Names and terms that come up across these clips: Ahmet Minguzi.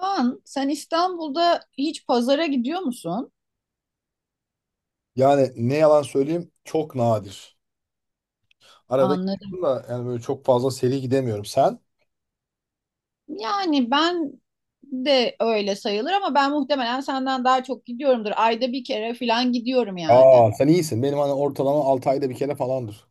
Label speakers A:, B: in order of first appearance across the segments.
A: Kaan, sen İstanbul'da hiç pazara gidiyor musun?
B: Yani ne yalan söyleyeyim, çok nadir. Arada
A: Anladım.
B: gidiyorum da yani böyle çok fazla seri gidemiyorum. Sen?
A: Yani ben de öyle sayılır ama ben muhtemelen senden daha çok gidiyorumdur. Ayda bir kere falan gidiyorum yani.
B: Aa, sen iyisin. Benim hani ortalama 6 ayda bir kere falandır.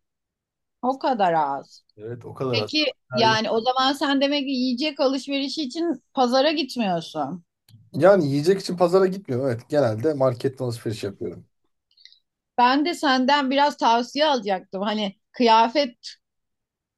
A: O kadar az.
B: Evet, o kadar aslında.
A: Peki
B: Yani
A: yani o zaman sen demek ki yiyecek alışverişi için pazara gitmiyorsun.
B: yani yiyecek için pazara gitmiyorum. Evet, genelde marketten alışveriş yapıyorum.
A: Ben de senden biraz tavsiye alacaktım. Hani kıyafet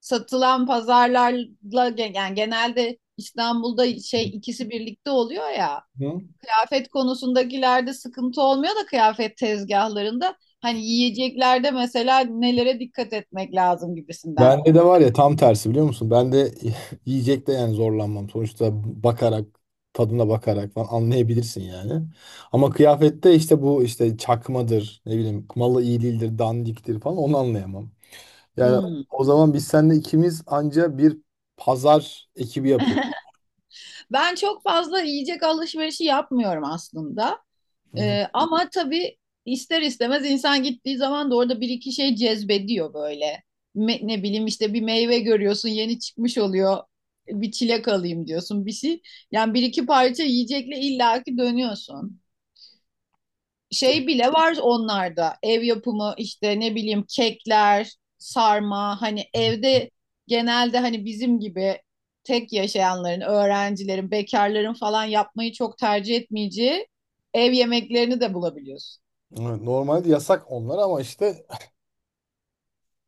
A: satılan pazarlarla yani genelde İstanbul'da şey ikisi birlikte oluyor ya.
B: Hı.
A: Kıyafet konusundakilerde sıkıntı olmuyor da kıyafet tezgahlarında hani yiyeceklerde mesela nelere dikkat etmek lazım gibisinden.
B: Bende de var ya, tam tersi biliyor musun? Ben de yiyecekte yani zorlanmam. Sonuçta bakarak, tadına bakarak falan anlayabilirsin yani. Ama kıyafette işte bu işte çakmadır, ne bileyim malı iyi değildir, dandiktir falan, onu anlayamam. Yani
A: Hmm.
B: o zaman biz seninle ikimiz anca bir pazar ekibi yapıyoruz.
A: Ben çok fazla yiyecek alışverişi yapmıyorum aslında.
B: Hı hı.
A: Ama tabii ister istemez insan gittiği zaman da orada bir iki şey cezbediyor böyle. Ne bileyim işte bir meyve görüyorsun yeni çıkmış oluyor. Bir çilek alayım diyorsun bir şey. Yani bir iki parça yiyecekle illaki dönüyorsun.
B: İşte
A: Şey bile var onlarda. Ev yapımı işte ne bileyim kekler, sarma hani evde genelde hani bizim gibi tek yaşayanların, öğrencilerin, bekarların falan yapmayı çok tercih etmeyeceği ev yemeklerini de bulabiliyorsun.
B: evet, normalde yasak onlar ama işte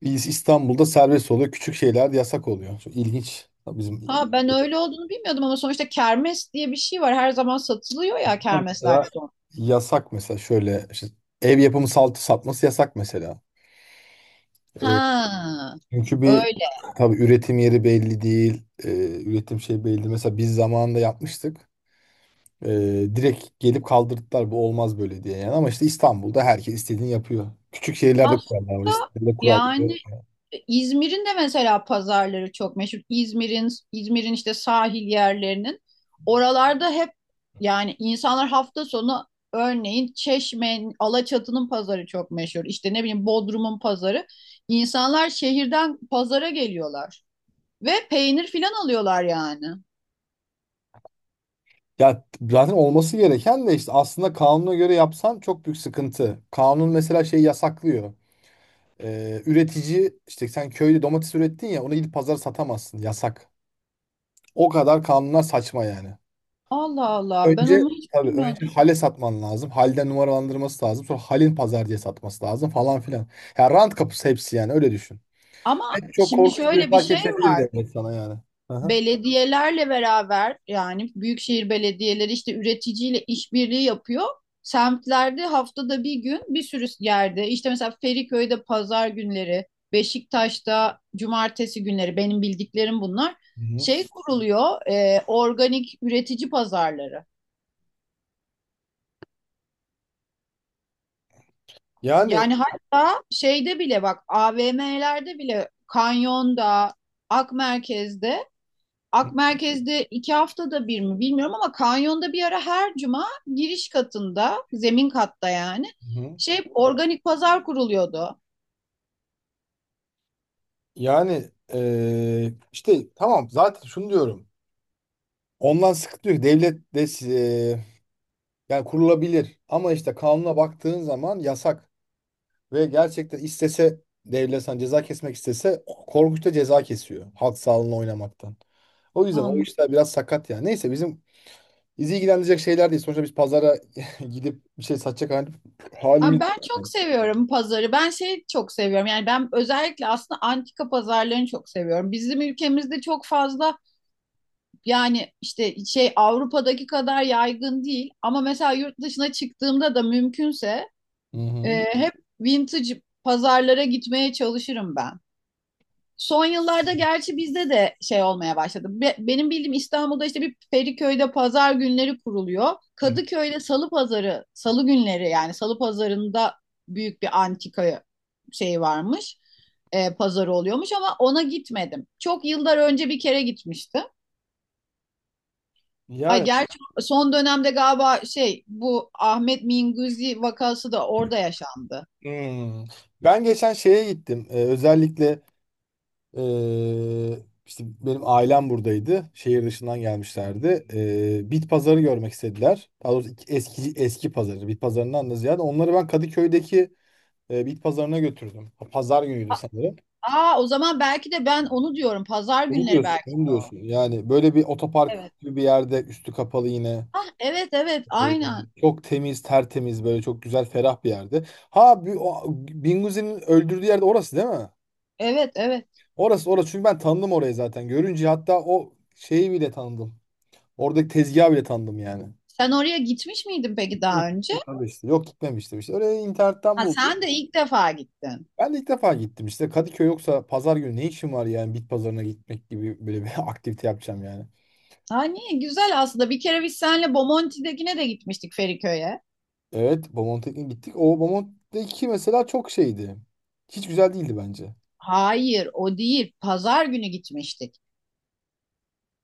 B: biz İstanbul'da serbest oluyor. Küçük şeyler de yasak oluyor. Çok ilginç. Bizim
A: Ha ben öyle olduğunu bilmiyordum ama sonuçta kermes diye bir şey var. Her zaman satılıyor ya kermeslerde
B: mesela
A: de.
B: yasak mesela, şöyle işte ev yapımı saltı satması yasak mesela. E,
A: Ha
B: çünkü bir
A: öyle.
B: tabii üretim yeri belli değil. E, üretim şey belli değil. Mesela biz zamanında yapmıştık. Direkt gelip kaldırdılar, bu olmaz böyle diye yani. Ama işte İstanbul'da herkes istediğini yapıyor. Küçük şehirlerde kurallar var.
A: Aslında
B: İstanbul'da kural
A: yani
B: yok.
A: İzmir'in de mesela pazarları çok meşhur. İzmir'in işte sahil yerlerinin oralarda hep yani insanlar hafta sonu örneğin Çeşme'nin Alaçatı'nın pazarı çok meşhur. İşte ne bileyim Bodrum'un pazarı. İnsanlar şehirden pazara geliyorlar ve peynir filan alıyorlar yani.
B: Ya zaten olması gereken de işte aslında, kanuna göre yapsan çok büyük sıkıntı. Kanun mesela şey yasaklıyor. Üretici işte, sen köyde domates ürettin ya, onu gidip pazara satamazsın. Yasak. O kadar kanunlar saçma yani.
A: Allah Allah ben
B: Önce
A: onu hiç
B: tabii önce
A: bilmiyordum.
B: hale satman lazım. Halden numaralandırması lazım. Sonra halin pazar diye satması lazım falan filan. Ya rant kapısı hepsi yani, öyle düşün.
A: Ama
B: En çok
A: şimdi
B: korkunç bir
A: şöyle bir
B: fark
A: şey
B: kesebilir
A: var.
B: demek sana yani. Hı hı.
A: Belediyelerle beraber yani büyükşehir belediyeleri işte üreticiyle işbirliği yapıyor. Semtlerde haftada bir gün bir sürü yerde işte mesela Feriköy'de pazar günleri, Beşiktaş'ta cumartesi günleri benim bildiklerim bunlar.
B: Hı.
A: Şey kuruluyor organik üretici pazarları.
B: Yani.
A: Yani hatta şeyde bile bak AVM'lerde bile Kanyon'da, Akmerkez'de Ak Merkez'de 2 haftada bir mi bilmiyorum ama kanyonda bir ara her cuma giriş katında, zemin katta yani
B: Hı-hı.
A: şey organik pazar kuruluyordu.
B: Yani işte tamam, zaten şunu diyorum. Ondan sıkıntı yok. Devlet de yani kurulabilir ama işte kanuna baktığın zaman yasak ve gerçekten istese devlet sana ceza kesmek istese, korkunç da ceza kesiyor halk sağlığına oynamaktan. O yüzden o
A: Anladım.
B: işler biraz sakat yani. Neyse bizi ilgilendirecek şeyler değil. Sonuçta biz pazara gidip bir şey satacak
A: Aa,
B: halimiz
A: ben çok
B: yok.
A: seviyorum pazarı. Ben şey çok seviyorum. Yani ben özellikle aslında antika pazarlarını çok seviyorum. Bizim ülkemizde çok fazla yani işte şey Avrupa'daki kadar yaygın değil. Ama mesela yurt dışına çıktığımda da mümkünse
B: Hı
A: Hep vintage pazarlara gitmeye çalışırım ben. Son yıllarda gerçi bizde de şey olmaya başladı. Benim bildiğim İstanbul'da işte bir Feriköy'de pazar günleri kuruluyor.
B: hı.
A: Kadıköy'de salı pazarı, salı günleri yani salı pazarında büyük bir antika şey varmış. Pazarı oluyormuş ama ona gitmedim. Çok yıllar önce bir kere gitmiştim. Ay
B: Yani.
A: gerçi son dönemde galiba şey bu Ahmet Minguzi vakası da orada yaşandı.
B: Hmm. Ben geçen şeye gittim. Özellikle ee, işte benim ailem buradaydı. Şehir dışından gelmişlerdi. Bit pazarı görmek istediler. Daha doğrusu eski eski pazarı. Bit pazarından da ziyade onları ben Kadıköy'deki bit pazarına götürdüm. Pazar günüydü sanırım.
A: Aa, o zaman belki de ben onu diyorum. Pazar
B: Onu
A: günleri
B: diyorsun,
A: belki
B: onu
A: de o.
B: diyorsun. Yani böyle bir otopark
A: Evet.
B: gibi bir yerde, üstü kapalı yine.
A: Ah, evet, evet,
B: Ee,
A: aynen.
B: Çok temiz, tertemiz, böyle çok güzel, ferah bir yerde. Ha, Binguzi'nin öldürdüğü yerde, orası değil mi?
A: Evet, evet.
B: Orası orası, çünkü ben tanıdım orayı zaten. Görünce hatta o şeyi bile tanıdım. Oradaki tezgahı bile tanıdım yani.
A: Sen oraya gitmiş miydin peki
B: Demek
A: daha önce?
B: ki işte. Yok, gitmemiştim işte. Orayı internetten
A: Ha,
B: buldum.
A: sen de ilk defa gittin.
B: Ben de ilk defa gittim işte. Kadıköy yoksa pazar günü ne işim var yani, bit pazarına gitmek gibi böyle bir aktivite yapacağım yani.
A: Ha, niye? Güzel aslında. Bir kere biz seninle Bomonti'dekine de gitmiştik Feriköy'e.
B: Evet, Bomonti'ye gittik. O Bomonti'deki mesela çok şeydi. Hiç güzel değildi bence.
A: Hayır o değil. Pazar günü gitmiştik.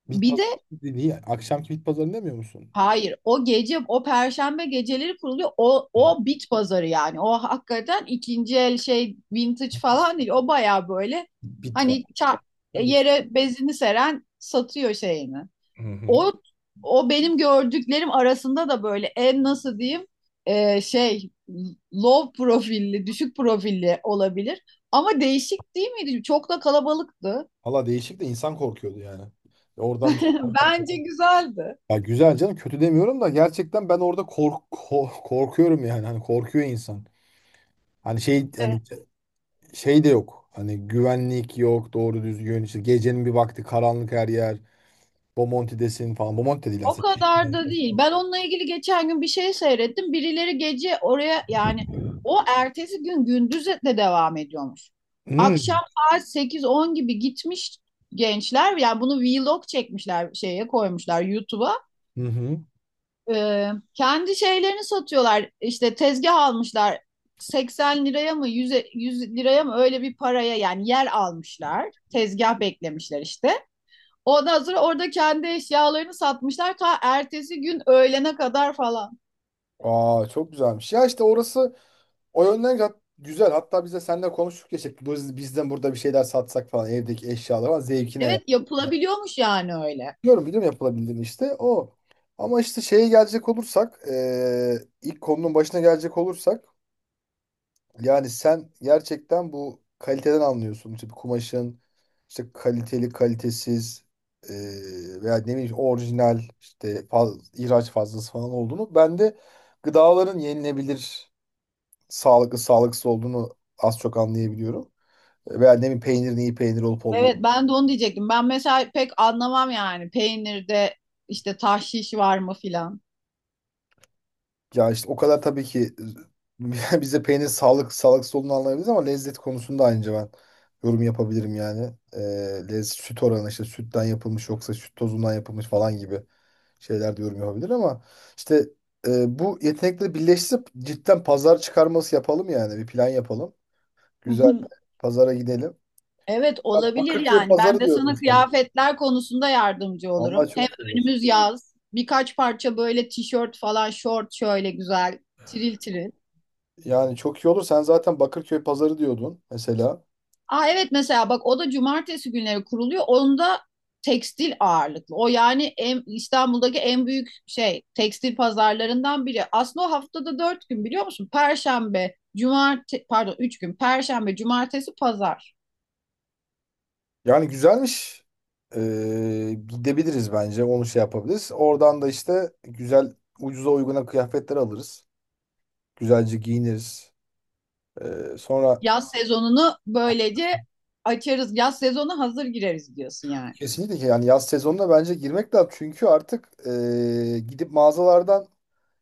B: Bit
A: Bir de
B: pazarı dediği akşamki bit pazarı demiyor musun?
A: hayır, o gece, o perşembe geceleri kuruluyor. O,
B: Hı.
A: o bit pazarı yani. O hakikaten ikinci el şey vintage falan değil. O baya böyle
B: Bit var.
A: hani çarp,
B: Bit var.
A: yere bezini seren satıyor şeyini.
B: Hı hı.
A: O, o benim gördüklerim arasında da böyle en nasıl diyeyim şey low profilli, düşük profilli olabilir. Ama değişik değil miydi? Çok da kalabalıktı.
B: Valla değişik de, insan korkuyordu yani. Oradan bir şey almak.
A: Bence güzeldi.
B: Ya güzel canım, kötü demiyorum da gerçekten ben orada korkuyorum yani, hani korkuyor insan. Hani şey, hani şey de yok. Hani güvenlik yok doğru düzgün, işte gecenin bir vakti, karanlık her yer. Bomonti'desin falan. Bomonti de değil
A: O
B: aslında. Şişli.
A: kadar da değil. Ben onunla ilgili geçen gün bir şey seyrettim. Birileri gece oraya yani o ertesi gün gündüz de devam ediyormuş. Akşam
B: Hmm.
A: saat 8-10 gibi gitmiş gençler. Yani bunu vlog çekmişler şeye koymuşlar YouTube'a.
B: Hı hı.
A: Ee, Kendi şeylerini satıyorlar. İşte tezgah almışlar. 80 liraya mı 100 100 liraya mı öyle bir paraya yani yer almışlar. Tezgah beklemişler işte. Ondan sonra orada kendi eşyalarını satmışlar ta ertesi gün öğlene kadar falan.
B: Aa, çok güzelmiş. Ya işte orası o yönden güzel. Hatta biz de seninle konuştuk ya işte, biz, bizden burada bir şeyler satsak falan, evdeki eşyalar falan zevkine ya.
A: Evet yapılabiliyormuş yani öyle.
B: Biliyorum biliyorum yapılabildiğini işte o. Ama işte şeye gelecek olursak ilk konunun başına gelecek olursak, yani sen gerçekten bu kaliteden anlıyorsun. İşte bir kumaşın işte kaliteli kalitesiz veya ne bileyim orijinal işte ihraç fazlası falan olduğunu. Ben de gıdaların yenilebilir, sağlıklı sağlıksız olduğunu az çok anlayabiliyorum. Veya ne bileyim peynirin iyi peynir olup
A: Evet
B: olmadığını.
A: ben de onu diyecektim. Ben mesela pek anlamam yani peynirde işte tahşiş var mı filan.
B: Ya işte o kadar tabii ki bize peynir sağlık sağlıksız olduğunu anlayabiliriz ama lezzet konusunda aynı ben yorum yapabilirim yani. Lezzet, süt oranı, işte sütten yapılmış yoksa süt tozundan yapılmış falan gibi şeyler de yorum yapabilir ama işte bu yetenekleri birleştirip cidden pazar çıkarması yapalım yani, bir plan yapalım. Güzel bir pazara gidelim.
A: Evet
B: Ya,
A: olabilir
B: Bakırköy
A: yani. Ben
B: pazarı
A: de
B: diyordun
A: sana
B: sen.
A: kıyafetler konusunda yardımcı
B: Vallahi
A: olurum. Hem
B: çok iyi olur.
A: önümüz yaz. Birkaç parça böyle tişört falan, şort şöyle güzel, tiril tiril.
B: Yani çok iyi olur. Sen zaten Bakırköy pazarı diyordun mesela.
A: Aa evet mesela bak o da cumartesi günleri kuruluyor. Onda tekstil ağırlıklı. O yani en, İstanbul'daki en büyük şey tekstil pazarlarından biri. Aslında o haftada 4 gün biliyor musun? Perşembe, cumartesi, pardon 3 gün. Perşembe, cumartesi, pazar.
B: Yani güzelmiş. Ee, Gidebiliriz bence. Onu şey yapabiliriz. Oradan da işte güzel, ucuza uyguna kıyafetler alırız. Güzelce giyiniriz. Sonra
A: Yaz sezonunu böylece açarız. Yaz sezonu hazır gireriz diyorsun yani.
B: kesinlikle ki yani, yaz sezonuna bence girmek lazım. Çünkü artık gidip mağazalardan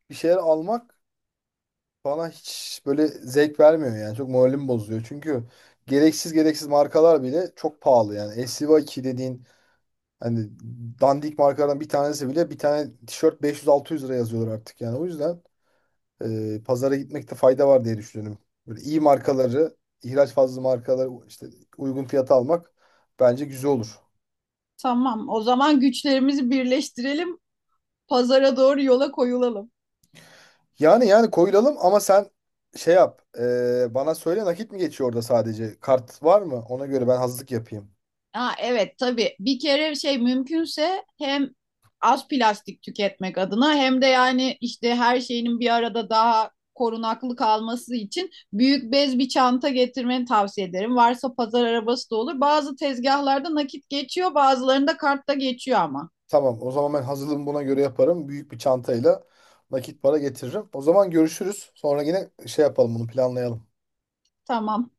B: bir şeyler almak bana hiç böyle zevk vermiyor yani. Çok moralimi bozuyor. Çünkü gereksiz markalar bile çok pahalı yani. SC2 dediğin hani dandik markalardan bir tanesi bile, bir tane tişört 500-600 lira yazıyorlar artık yani. O yüzden pazara gitmekte fayda var diye düşünüyorum. Böyle iyi markaları, ihraç fazla markaları işte uygun fiyata almak bence güzel olur.
A: Tamam, o zaman güçlerimizi birleştirelim. Pazara doğru yola koyulalım.
B: Yani yani koyulalım ama sen şey yap. Bana söyle, nakit mi geçiyor orada sadece? Kart var mı? Ona göre ben hazırlık yapayım.
A: Ha evet tabii. Bir kere şey mümkünse hem az plastik tüketmek adına hem de yani işte her şeyinin bir arada daha korunaklı kalması için büyük bez bir çanta getirmeni tavsiye ederim. Varsa pazar arabası da olur. Bazı tezgahlarda nakit geçiyor, bazılarında kartta geçiyor ama.
B: Tamam, o zaman ben hazırlığımı buna göre yaparım. Büyük bir çantayla nakit para getiririm. O zaman görüşürüz. Sonra yine şey yapalım, bunu planlayalım.
A: Tamam.